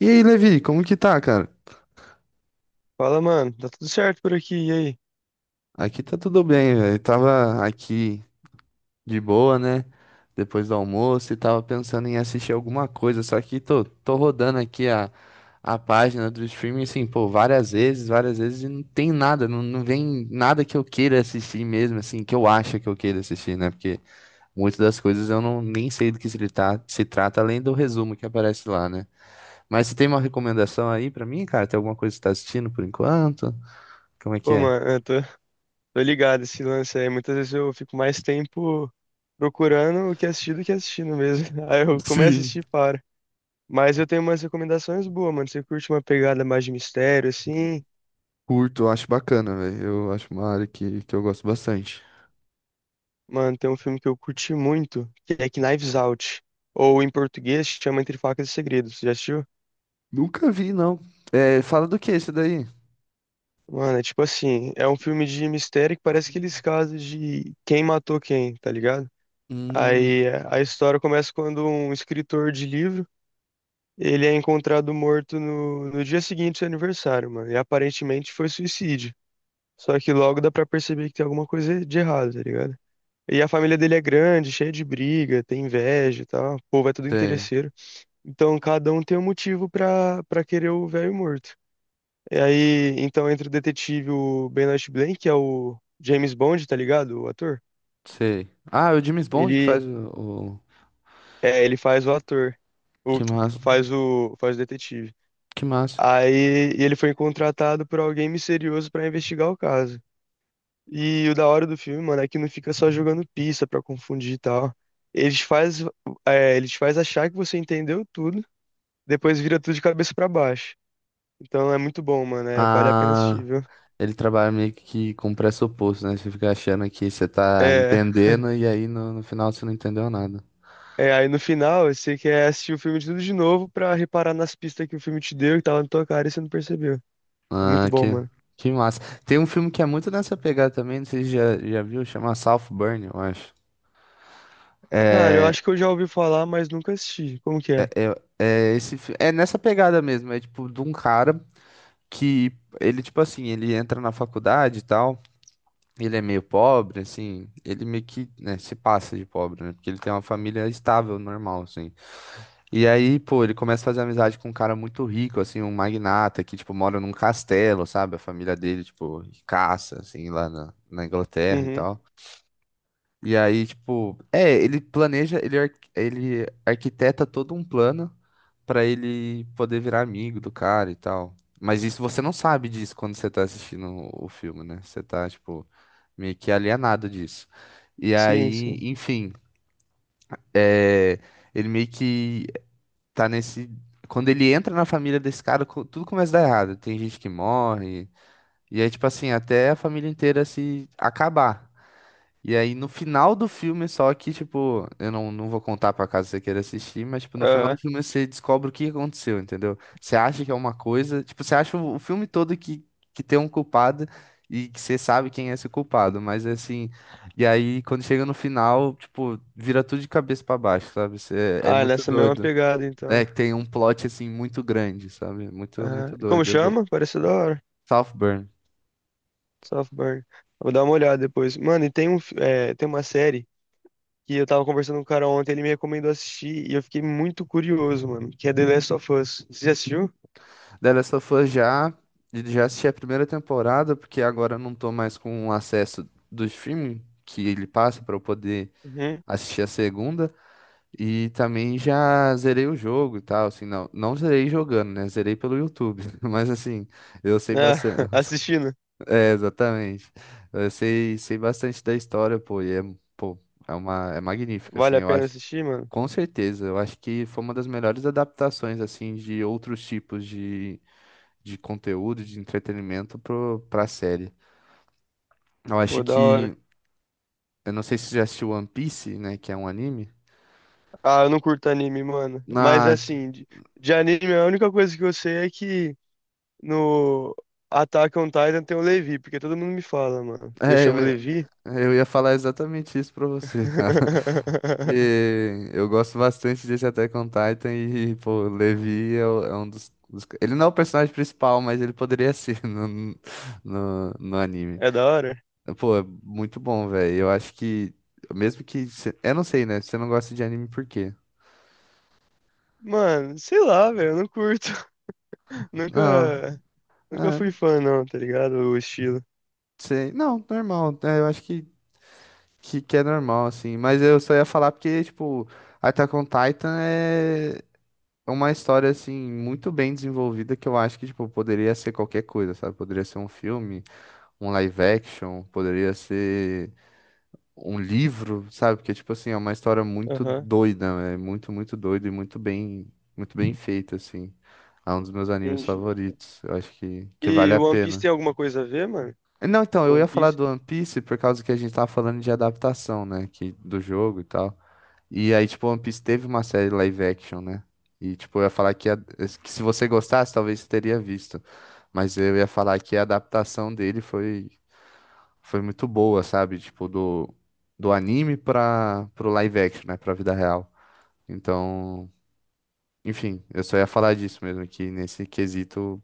E aí, Levi, como que tá, cara? Fala, mano. Tá tudo certo por aqui, e aí? Aqui tá tudo bem, velho. Tava aqui de boa, né? Depois do almoço e tava pensando em assistir alguma coisa, só que tô rodando aqui a página do streaming, assim, pô, várias vezes e não tem nada, não vem nada que eu queira assistir mesmo, assim, que eu acho que eu queira assistir, né? Porque muitas das coisas eu não nem sei do que se trata, além do resumo que aparece lá, né? Mas você tem uma recomendação aí pra mim, cara? Tem alguma coisa que você tá assistindo por enquanto? Como é que Pô, é? mano, tô ligado esse lance aí. Muitas vezes eu fico mais tempo procurando o que assistir do que assistindo mesmo. Aí eu começo a Sim. assistir e paro. Mas eu tenho umas recomendações boas, mano. Você curte uma pegada mais de mistério, assim? Curto, acho bacana, velho. Eu acho uma área que eu gosto bastante. Mano, tem um filme que eu curti muito, que é Knives Out. Ou em português, chama Entre Facas e Segredos. Você já assistiu? Nunca vi, não. É, fala do que esse daí? Mano, é tipo assim, é um filme de mistério que parece aqueles casos de quem matou quem, tá ligado? Hum, A história começa quando um escritor de livro, ele é encontrado morto no dia seguinte do seu aniversário, mano. E aparentemente foi suicídio. Só que logo dá pra perceber que tem alguma coisa de errado, tá ligado? E a família dele é grande, cheia de briga, tem inveja e tal. O povo é tudo sei, interesseiro. Então cada um tem um motivo pra querer o velho morto. E aí, então entra o detetive o Benoit Blanc, que é o James Bond, tá ligado? O ator. sei. Ah, é o James Bond que faz Ele, o. É, ele faz o ator. O, Que massa, faz o detetive. que massa. Aí e ele foi contratado por alguém misterioso pra investigar o caso. E o da hora do filme, mano, é que não fica só jogando pista pra confundir e tal. Eles faz, Eles faz achar que você entendeu tudo, depois vira tudo de cabeça pra baixo. Então é muito bom, mano. É, vale a pena assistir, Ah, viu? ele trabalha meio que com pressuposto, né? Você fica achando que você tá É, entendendo e aí no final você não entendeu nada. Aí no final você quer assistir o filme de tudo de novo pra reparar nas pistas que o filme te deu e tava na tua cara e você não percebeu. É muito Ah, bom, que, mano. que massa. Tem um filme que é muito nessa pegada também, não sei se já viu, chama Southburn, eu acho. Cara, eu É. acho que eu já ouvi falar, mas nunca assisti. Como que é? É, esse, é nessa pegada mesmo, é tipo de um cara que ele, tipo assim, ele entra na faculdade e tal. Ele é meio pobre, assim, ele meio que, né, se passa de pobre, né? Porque ele tem uma família estável, normal, assim. E aí, pô, ele começa a fazer amizade com um cara muito rico, assim, um magnata que, tipo, mora num castelo, sabe? A família dele, tipo, caça, assim, lá na Inglaterra e Uhum. tal. E aí, tipo, é, ele planeja, ele arquiteta todo um plano pra ele poder virar amigo do cara e tal. Mas isso você não sabe disso quando você tá assistindo o filme, né? Você tá, tipo, meio que alienado disso. E Sim, aí, sim. enfim, é, ele meio que tá nesse. Quando ele entra na família desse cara, tudo começa a dar errado. Tem gente que morre. E aí, tipo assim, até a família inteira se acabar. E aí no final do filme, só que, tipo, eu não, não vou contar pra caso você queira assistir, mas, tipo, no final do Aham. filme você descobre o que aconteceu, entendeu? Você acha que é uma coisa, tipo, você acha o filme todo que tem um culpado e que você sabe quem é esse culpado, mas assim, e aí quando chega no final, tipo, vira tudo de cabeça pra baixo, sabe? Você, é Ah, muito nessa mesma doido. pegada, então. É que tem um plot, assim, muito grande, sabe? Muito, Aham. muito E como doido. Chama? Parece da hora. Southburn. Softburn. Vou dar uma olhada depois. Mano, e tem um, fi- é, tem uma série que eu tava conversando com um cara ontem, ele me recomendou assistir e eu fiquei muito curioso, mano, que é The Last of Us. Você já assistiu? The Last of Us já assisti a primeira temporada, porque agora eu não tô mais com o acesso do streaming que ele passa pra eu poder Uhum. assistir a segunda. E também já zerei o jogo e tal, assim, não zerei jogando, né? Zerei pelo YouTube, mas assim, eu sei Ah, bastante. assistindo. É, exatamente. Sei bastante da história, pô, e é, pô, é uma, é magnífica, assim, Vale a eu pena acho. assistir, mano? Com certeza, eu acho que foi uma das melhores adaptações, assim, de outros tipos de conteúdo, de entretenimento pro, pra série. Eu acho Pô, da que. hora. Eu não sei se você já assistiu One Piece, né? Que é um anime. Ah, eu não curto anime, mano. Mas Ah, assim, de anime, a única coisa que eu sei é que no Attack on Titan tem o Levi, porque todo mundo me fala, mano. E eu é, chamo Levi. eu ia falar exatamente isso pra você, cara. E eu gosto bastante desse Attack on Titan e, pô, o Levi é um Ele não é o personagem principal, mas ele poderia ser no, no, no anime. É da hora? Pô, é muito bom, velho. Eu acho que. Mesmo que. Eu não sei, né? Você não gosta de anime por quê? Mano, sei lá, velho, eu não curto. Nunca, Nunca Não. fui fã, não, tá ligado? O estilo. Sei. Não, normal. É, eu acho que é normal, assim. Mas eu só ia falar porque, tipo, Attack on Titan é uma história, assim, muito bem desenvolvida que eu acho que, tipo, poderia ser qualquer coisa, sabe? Poderia ser um filme, um live action, poderia ser um livro, sabe? Porque, tipo, assim, é uma história muito Aham, doida, né? É muito, muito doida e muito bem feita, assim. É um dos meus animes entendi. favoritos. Eu acho que vale E a o One Piece pena. tem alguma coisa a ver, mano? Não, então, eu ia One falar Piece? do One Piece por causa que a gente tava falando de adaptação, né? Que, do jogo e tal. E aí, tipo, One Piece teve uma série live action, né? E, tipo, eu ia falar que se você gostasse, talvez você teria visto. Mas eu ia falar que a adaptação dele foi, foi muito boa, sabe? Tipo, do anime pro live action, né? Pra vida real. Então, enfim, eu só ia falar disso mesmo, que nesse quesito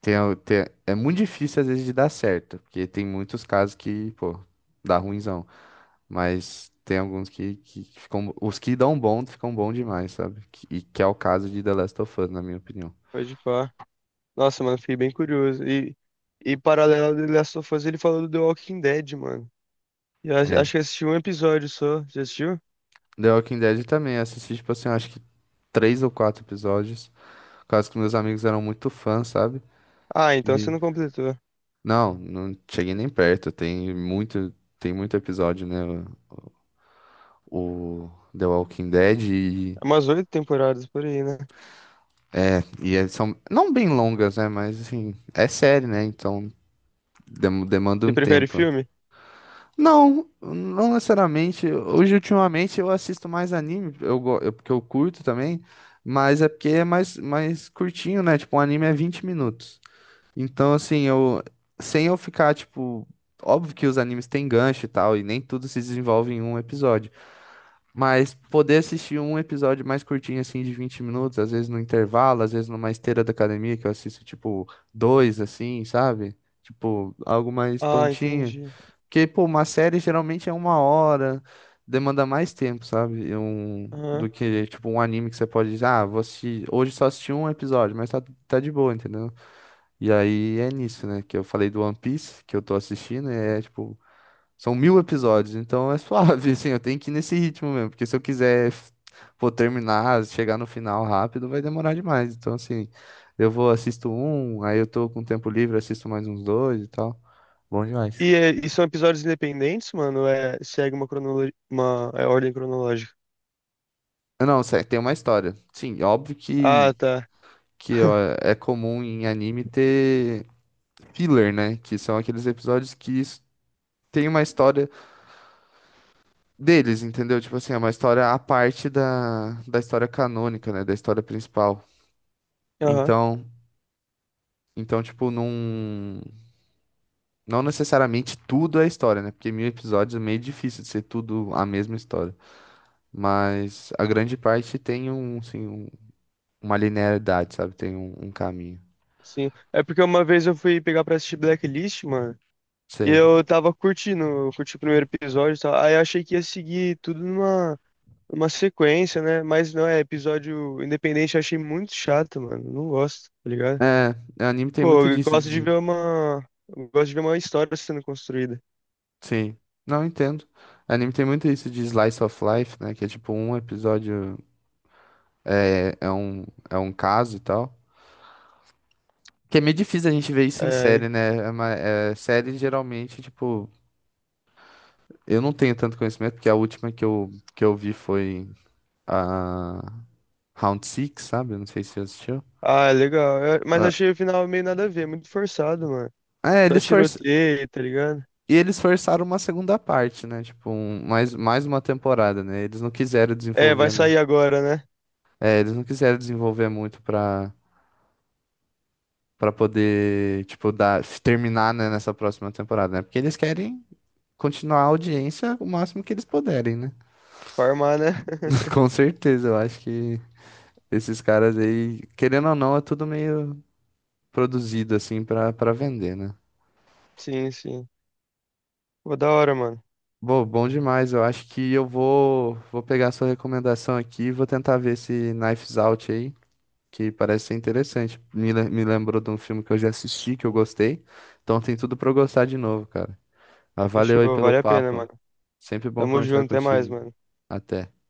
tem, é muito difícil às vezes de dar certo, porque tem muitos casos que, pô, dá ruinzão. Mas tem alguns que ficam. Os que dão bom ficam bom demais, sabe? E que é o caso de The Last of Us, na minha opinião. Pode pá. Nossa, mano, fiquei bem curioso. E paralelo do Last of Us, ele falou do The Walking Dead, mano. E eu acho É. acho que eu assisti um episódio só. Já assistiu? The Walking Dead também. Eu assisti, tipo assim, eu acho que 3 ou 4 episódios. Por causa que meus amigos eram muito fãs, sabe? Ah, então você E. não completou. É Não, não cheguei nem perto. Tem muito episódio, né? O The Walking Dead. umas 8 temporadas por aí, né? É, e elas são não bem longas, né? Mas assim, é série, né? Então demanda Você um prefere tempo. filme? Não, não necessariamente. Hoje, ultimamente, eu assisto mais anime, eu, porque eu curto também, mas é porque é mais, curtinho, né? Tipo, um anime é 20 minutos. Então, assim, eu sem eu ficar, tipo, óbvio que os animes têm gancho e tal, e nem tudo se desenvolve em um episódio. Mas poder assistir um episódio mais curtinho, assim, de 20 minutos, às vezes no intervalo, às vezes numa esteira da academia, que eu assisto, tipo, dois, assim, sabe? Tipo, algo mais Ah, tontinho. entendi. Porque, pô, uma série geralmente é uma hora, demanda mais tempo, sabe? Aham. Do que, tipo, um anime que você pode dizer, ah, vou assistir, hoje só assisti um episódio, mas tá, tá de boa, entendeu? E aí é nisso, né? Que eu falei do One Piece, que eu tô assistindo, e é, tipo, são 1.000 episódios, então é suave, assim, eu tenho que ir nesse ritmo mesmo, porque se eu quiser, pô, terminar, chegar no final rápido, vai demorar demais. Então, assim, eu assisto um, aí eu tô com tempo livre, assisto mais uns dois e tal. Bom demais. E, e são episódios independentes, mano? É, segue uma cronologia, uma ordem cronológica. Ah, não, tem uma história. Sim, óbvio Ah, tá. que ó, é comum em anime ter filler, né? Que são aqueles episódios que tem uma história deles, entendeu? Tipo assim, é uma história à parte da, da história canônica, né? Da história principal. Aham, Então. Então, tipo, não. Não necessariamente tudo é história, né? Porque 1.000 episódios é meio difícil de ser tudo a mesma história. Mas a grande parte tem um, assim, uma linearidade, sabe? Tem um, um caminho. sim. É porque uma vez eu fui pegar pra assistir Blacklist, mano, e Sei. eu tava curtindo, eu curti o primeiro episódio e tal. Aí eu achei que ia seguir tudo numa sequência, né? Mas não, é episódio independente, eu achei muito chato, mano. Não gosto, tá ligado? É, anime tem Pô, muito eu disso gosto de de. ver uma. Eu gosto de ver uma história sendo construída. Sim. Não entendo. Anime tem muito isso de slice of life, né? Que é tipo um episódio é, é um, é um caso e tal. Que é meio difícil a gente ver isso em série, É, né? Série geralmente, tipo. Eu não tenho tanto conhecimento, porque a última que eu vi foi a Round Six, sabe? Eu não sei se você assistiu. ah, é legal. Mas Ah, achei o final meio nada a ver, muito forçado, mano. é, Só tiroteio, tá ligado? E eles forçaram uma segunda parte, né? Tipo, mais uma temporada, né? Eles não quiseram É, vai desenvolver, né? sair agora, né? É, eles não quiseram desenvolver muito pra, pra poder, tipo, dar, terminar, né, nessa próxima temporada, né? Porque eles querem continuar a audiência o máximo que eles puderem, né? Pra armar, né? Com certeza, eu acho que esses caras aí, querendo ou não, é tudo meio produzido assim pra para vender, né? Sim, sim. Pô, da hora, mano. Bom, bom demais. Eu acho que eu vou pegar a sua recomendação aqui e vou tentar ver esse Knives Out aí, que parece ser interessante. Me lembrou de um filme que eu já assisti, que eu gostei. Então tem tudo pra eu gostar de novo, cara. Ah, valeu aí Fechou, pelo vale a pena, papo. mano. Sempre bom Tamo conversar junto, até mais, contigo. mano. Até.